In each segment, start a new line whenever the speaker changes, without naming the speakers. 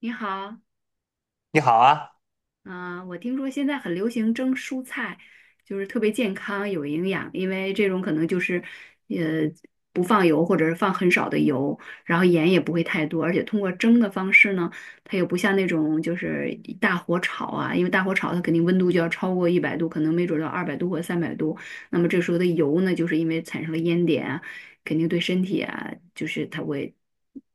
你好，
你好啊。
我听说现在很流行蒸蔬菜，就是特别健康、有营养，因为这种可能就是，呃，不放油或者是放很少的油，然后盐也不会太多，而且通过蒸的方式呢，它又不像那种就是一大火炒啊，因为大火炒它肯定温度就要超过一百度，可能没准儿到二百度或三百度，那么这时候的油呢，就是因为产生了烟点啊，肯定对身体啊，就是它会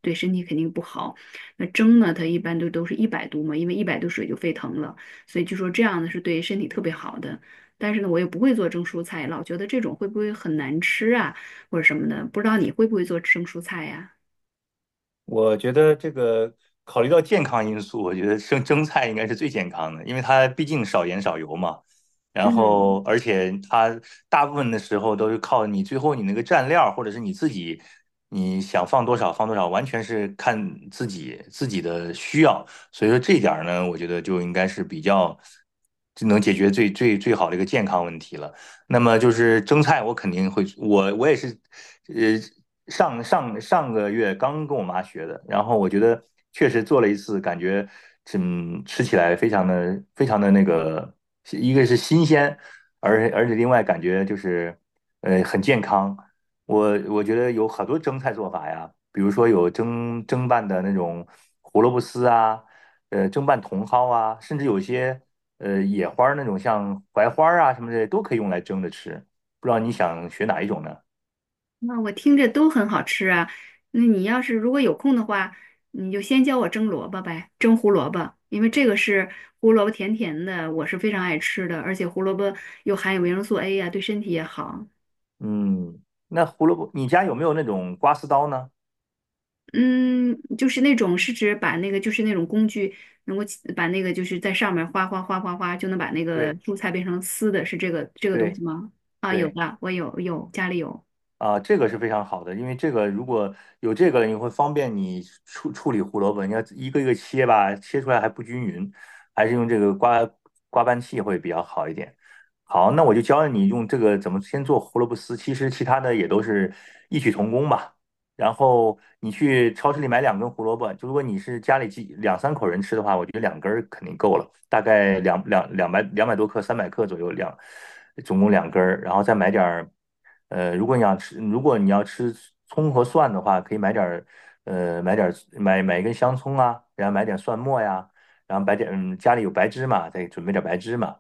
对身体肯定不好。那蒸呢，它一般都是一百度嘛，因为一百度水就沸腾了。所以就说这样的是对身体特别好的。但是呢，我又不会做蒸蔬菜，老觉得这种会不会很难吃啊，或者什么的。不知道你会不会做蒸蔬菜呀、
我觉得这个考虑到健康因素，我觉得生蒸菜应该是最健康的，因为它毕竟少盐少油嘛。然
嗯，
后，而且它大部分的时候都是靠你最后你那个蘸料，或者是你自己你想放多少放多少，完全是看自己的需要。所以说这一点儿呢，我觉得就应该是比较就能解决最好的一个健康问题了。那么就是蒸菜，我肯定会，我也是，呃，上个月刚跟我妈学的。然后我觉得确实做了一次，感觉吃起来非常的一个是新鲜，而且另外感觉就是很健康。我觉得有很多蒸菜做法呀，比如说有蒸拌的那种胡萝卜丝啊，蒸拌茼蒿啊，甚至有些野花儿那种，像槐花儿啊什么的都可以用来蒸着吃。不知道你想学哪一种呢？
那我听着都很好吃啊。那你要是如果有空的话，你就先教我蒸萝卜呗，蒸胡萝卜，因为这个是胡萝卜甜甜的，我是非常爱吃的，而且胡萝卜又含有维生素 A 呀、对身体也好。
嗯。那胡萝卜，你家有没有那种刮丝刀呢？
嗯，就是那种是指把那个就是那种工具能够起把那个就是在上面哗哗哗哗哗就能把那个
对
蔬菜变成丝的，是这个东
对
西吗？啊，有
对。
的，我家里有。
啊，这个是非常好的，因为这个如果有这个，你会方便你处理胡萝卜，你要一个一个切吧，切出来还不均匀，还是用这个刮拌器会比较好一点。好，那我就教你用这个怎么先做胡萝卜丝，其实其他的也都是异曲同工吧。然后你去超市里买两根胡萝卜，就如果你是家里两三口人吃的话，我觉得两根儿肯定够了，大概200多克、300克左右总共两根儿，然后再买点儿。如果你要吃葱和蒜的话，可以买点儿，买一根香葱啊，然后买点蒜末呀，然后买点，家里有白芝麻，再准备点白芝麻。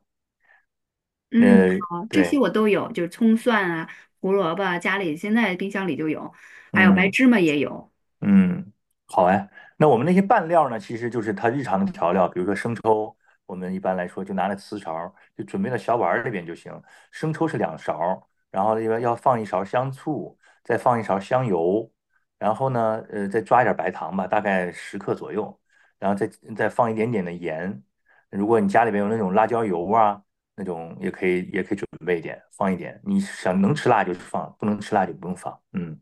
嗯，
呃，
好，这些
对。
我都有，就是葱蒜啊、胡萝卜啊家里现在冰箱里就有，还有白
嗯。
芝麻也有。
嗯，好哎。那我们那些拌料呢，其实就是它日常的调料，比如说生抽，我们一般来说就拿来瓷勺儿就准备到小碗儿里边就行。生抽是两勺儿，然后另外要放一勺香醋，再放一勺香油，然后呢，再抓一点白糖吧，大概十克左右，然后再放一点点的盐。如果你家里边有那种辣椒油啊，那种也可以，也可以准备一点，放一点。你想能吃辣就放，不能吃辣就不用放。嗯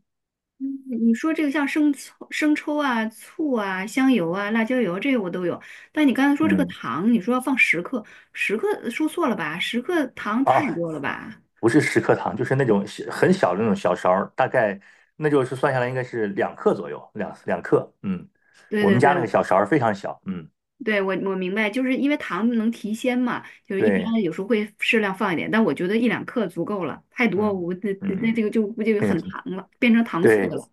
你说这个像生抽啊、醋啊、香油啊、辣椒油这些我都有，但你刚才说这个
嗯。
糖，你说要放十克，十克说错了吧？十克糖太
啊，
多了吧？
不是十克糖，就是那种小很小的那种小勺儿，大概那就是算下来应该是两克左右，两克。
对
我
对
们
对，
家那个小勺儿非常小。嗯，
对，我我明白，就是因为糖能提鲜嘛，就是一
对，
般有时候会适量放一点，但我觉得1到2克足够了，太多
嗯
我那这
嗯。
个就估计很 糖了，变成糖醋
对。
的了。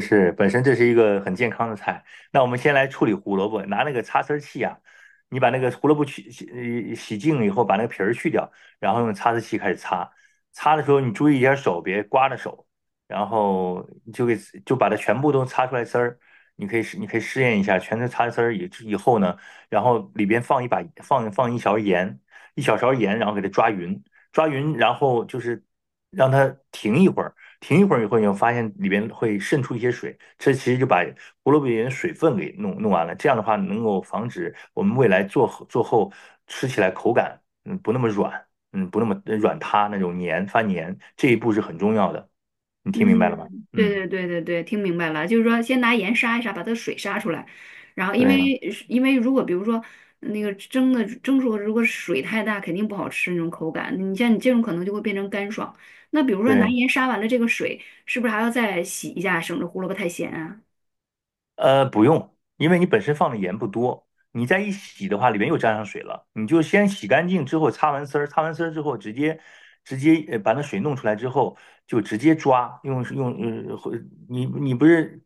是是，本身这是一个很健康的菜。那我们先来处理胡萝卜，拿那个擦丝儿器啊，你把那个胡萝卜去洗净了以后，把那个皮儿去掉，然后用擦丝器开始擦。擦的时候你注意一下手，别刮着手，然后你就把它全部都擦出来丝儿。你可以试验一下，全都擦丝儿以后呢，然后里边放一勺盐，一小勺盐，然后给它抓匀，抓匀，然后就是让它停一会儿。停一会儿以后，你会发现里边会渗出一些水，这其实就把胡萝卜里面的水分给弄完了。这样的话，能够防止我们未来做后吃起来口感不那么软，不那么软塌那种黏发黏，这一步是很重要的。你听明白了吗？
嗯，对
嗯，
对对对对，听明白了，就是说先拿盐杀一杀，把它的水杀出来，然后因为
对
如果比如说那个蒸的蒸熟，如果水太大，肯定不好吃那种口感。你像你这种可能就会变成干爽。那比如说拿
对。
盐杀完了这个水，是不是还要再洗一下，省着胡萝卜太咸啊？
不用，因为你本身放的盐不多，你再一洗的话，里面又沾上水了。你就先洗干净之后，擦完丝儿，擦完丝儿之后，直接把那水弄出来之后，就直接抓，用用呃，或你不是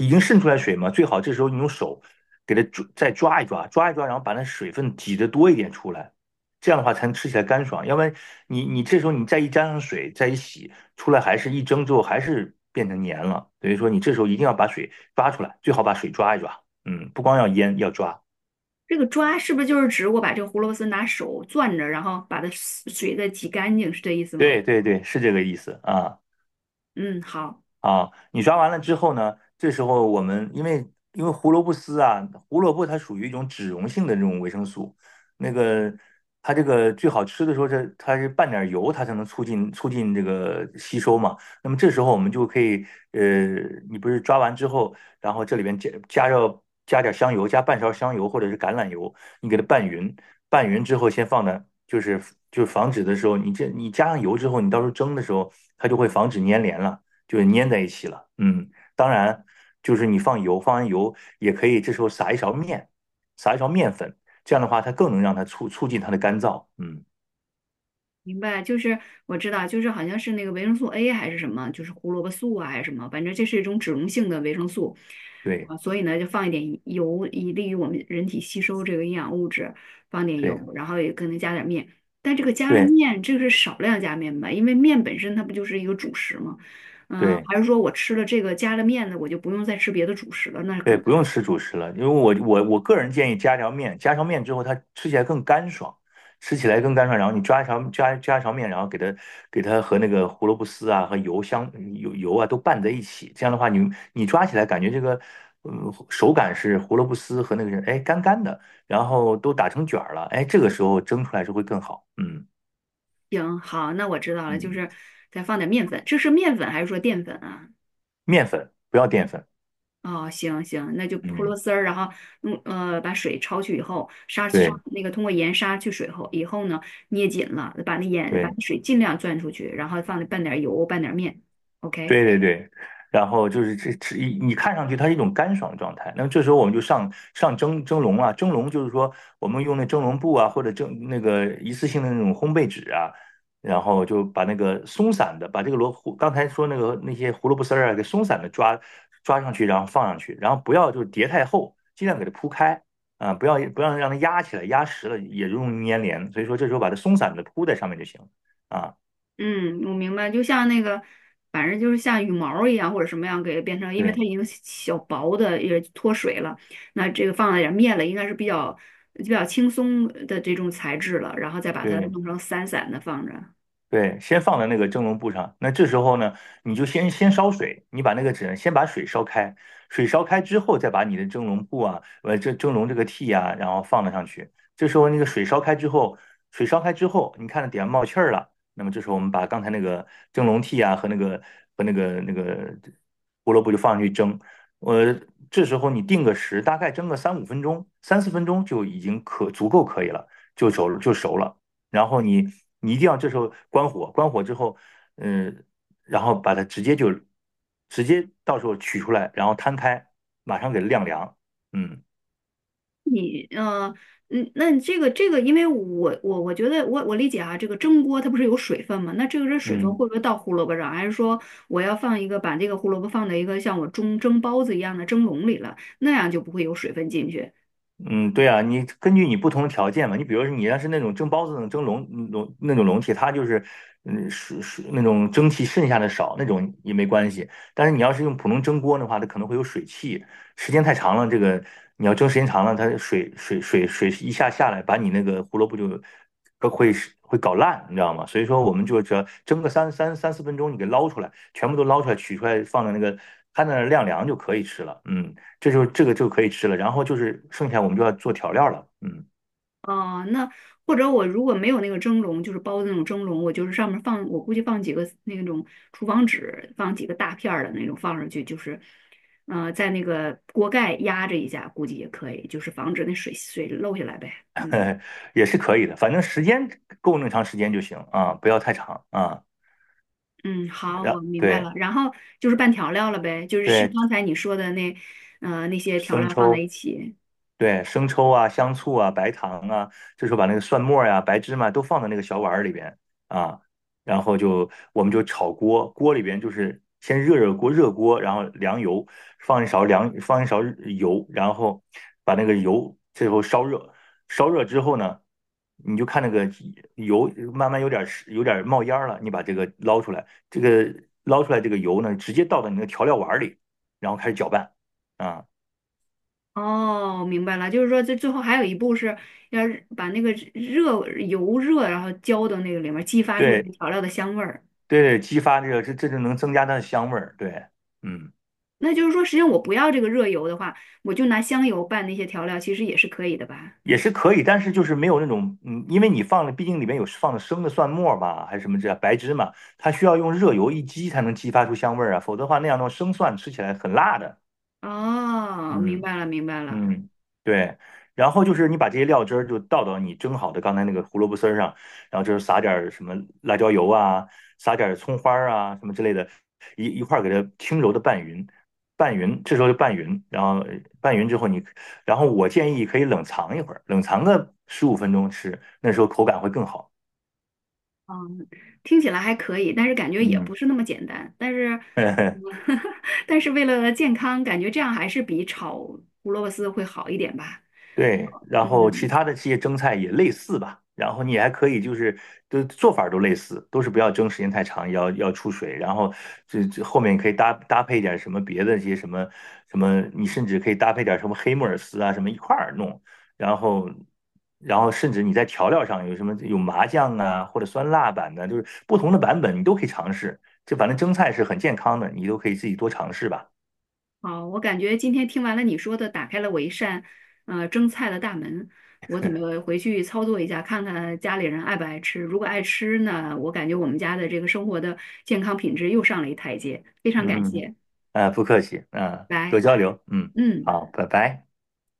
已经渗出来水吗？最好这时候你用手给它抓，再抓一抓，抓一抓，然后把那水分挤得多一点出来，这样的话才能吃起来干爽。要不然你这时候你再一沾上水，再一洗。出来还是一蒸之后还是变成黏了，等于说你这时候一定要把水抓出来，最好把水抓一抓，嗯，不光要腌，要抓，
这个抓是不是就是指我把这个胡萝卜丝拿手攥着，然后把它水再挤干净，是这意思吗？
对对对，是这个意思啊。
嗯，好，
啊，你抓完了之后呢，这时候我们因为胡萝卜丝啊，胡萝卜它属于一种脂溶性的这种维生素，那个它这个最好吃的时候，这它是拌点油，它才能促进这个吸收嘛。那么这时候我们就可以，呃，你不是抓完之后，然后这里边加点香油，加半勺香油或者是橄榄油，你给它拌匀，拌匀之后先放那，就是防止的时候，你这你加上油之后，你到时候蒸的时候，它就会防止粘连了。就粘在一起了。嗯，当然就是你放油，放完油也可以，这时候撒一勺面，撒一勺面粉，这样的话它更能让它促进它的干燥。嗯，
明白。就是我知道，就是好像是那个维生素 A 还是什么，就是胡萝卜素啊还是什么，反正这是一种脂溶性的维生素
对
啊，所以呢就放一点油，以利于我们人体吸收这个营养物质，放点油，
对
然后也可能加点面。但这个加了
对
面，这个是少量加面吧？因为面本身它不就是一个主食吗？嗯，
对。
还是说我吃了这个加了面的，我就不用再吃别的主食了？那可
对，
能
不用吃主食了，因为我个人建议加条面，之后它吃起来更干爽，吃起来更干爽。然后你抓一条加一条面，然后给它和那个胡萝卜丝啊香油啊都拌在一起，这样的话你抓起来感觉这个手感是胡萝卜丝和那个是哎干干的，然后都打成卷儿了，哎这个时候蒸出来是会更好。嗯
行，好，那我知道了，就
嗯。
是再放点面粉，这是面粉还是说淀粉啊？
面粉不要淀粉。
哦，行行，那就泼螺
嗯，
丝儿，然后用把水焯去以后，杀杀
对
那个通过盐杀去水后以后呢，捏紧了，把那盐把
对。
那水尽量攥出去，然后放半点油，拌点面，OK。
对对对，然后就是这一你看上去它是一种干爽的状态，那么这时候我们就上蒸笼啊，蒸笼就是说我们用那蒸笼布啊，或者蒸那个一次性的那种烘焙纸啊，然后就把那个松散的，把这个萝卜刚才说那些胡萝卜丝儿啊，给松散的抓上去，然后放上去，然后不要就是叠太厚，尽量给它铺开啊，不要让它压起来，压实了也容易粘连，所以说这时候把它松散的铺在上面就行了啊，
嗯，我明白，就像那个，反正就是像羽毛儿一样或者什么样给变成，因为它
对
已经小薄的也脱水了，那这个放了点儿面了，应该是比较轻松的这种材质了，然后再把它
对。
弄成散散的放着。
对，先放在那个蒸笼布上。那这时候呢，你就先烧水，你把那个纸先把水烧开，水烧开之后，再把你的蒸笼布啊，这蒸笼这个屉啊，然后放了上去。这时候那个水烧开之后，你看着底下冒气儿了，那么这时候我们把刚才那个蒸笼屉啊和那个那个胡萝卜就放上去蒸。呃，这时候你定个时，大概蒸个3-5分钟、3-4分钟就已经足够可以了，就熟了。然后你一定要这时候关火，关火之后，嗯，然后把它直接到时候取出来，然后摊开，马上给晾凉，嗯。
你呃，嗯，那你这个，因为我觉得我理解啊，这个蒸锅它不是有水分吗？那这个这水分
嗯。
会不会到胡萝卜上，还是说我要放一个把这个胡萝卜放在一个像我蒸蒸包子一样的蒸笼里了，那样就不会有水分进去？
嗯，对啊，你根据你不同的条件嘛，你比如说你要是那种蒸包子那种蒸笼那种笼屉，它就是是是那种蒸汽剩下的少，那种也没关系。但是你要是用普通蒸锅的话，它可能会有水汽，时间太长了，这个你要蒸时间长了，它水一下下来，把你那个胡萝卜就都会搞烂，你知道吗？所以说我们就只要蒸个三四分钟，你给捞出来，全部都捞出来，取出来放在那个摊在那儿晾凉就可以吃了。嗯。这个就可以吃了，然后就是剩下我们就要做调料了。嗯。
哦，那或者我如果没有那个蒸笼，就是包的那种蒸笼，我就是上面放，我估计放几个那种厨房纸，放几个大片儿的那种放上去，就是，在那个锅盖压着一下，估计也可以，就是防止那水漏下来呗。嗯
也是可以的，反正时间够那么长时间就行啊，不要太长啊。
嗯，好，我
然
明白
对
了。然后就是是是拌调料了呗，就是是
对，
刚才你说的那那那些调
生
料放在
抽，
一起。
对，生抽啊、香醋啊、白糖啊，这时候把那个蒜末呀、白芝麻都放到那个小碗儿里边啊，然后我们就炒锅，锅里边就是先热锅，然后凉油，放一勺油，然后把那个油最后烧热，烧热之后呢，你就看那个油慢慢有点冒烟儿了，你把这个捞出来，这个捞出来这个油呢，直接倒到你那个调料碗儿里，然后开始搅拌啊。
哦，明白了，就是说这最后还有一步是要是把那个热油热，然后浇到那个里面，激发出这
对，
个调料的香味儿。
对对，激发这个，这就能增加它的香味儿。对。嗯。
那就是说，实际上我不要这个热油的话，我就拿香油拌那些调料，其实也是可以的吧？
也是可以，但是就是没有那种。嗯，因为你放了，毕竟里面有放的生的蒜末吧，还是什么这白芝麻，它需要用热油一激才能激发出香味儿啊，否则的话那样的话生蒜吃起来很辣的。
哦，明
嗯。
白了，明白了。
嗯，对，然后就是你把这些料汁儿就倒到你蒸好的刚才那个胡萝卜丝儿上，然后就是撒点儿什么辣椒油啊，撒点儿葱花儿啊什么之类的，一块儿给它轻柔的拌匀，拌匀，这时候就拌匀，然后拌匀之后你，然后我建议可以冷藏一会儿，冷藏个15分钟吃，那时候口感会更好。
嗯，听起来还可以，但是感觉也不
嗯。
是那么简单。但是，但是为了健康，感觉这样还是比炒胡萝卜丝会好一点吧？
对，然后其
嗯。
他的这些蒸菜也类似吧，然后你还可以就是都做法儿都类似，都是不要蒸时间太长，要出水，然后这后面可以搭配点什么别的一些什么什么，你甚至可以搭配点什么黑木耳丝啊什么一块儿弄，然后甚至你在调料上有什么有麻酱啊或者酸辣版的，就是不同的版本你都可以尝试，就反正蒸菜是很健康的，你都可以自己多尝试吧。
好，我感觉今天听完了你说的，打开了我一扇蒸菜的大门。我准备回去操作一下，看看家里人爱不爱吃。如果爱吃呢，我感觉我们家的这个生活的健康品质又上了一台阶。非常
嗯
感
哼。
谢，
呃，不客气。嗯，多
拜。
交流。嗯，
嗯。
好，拜拜。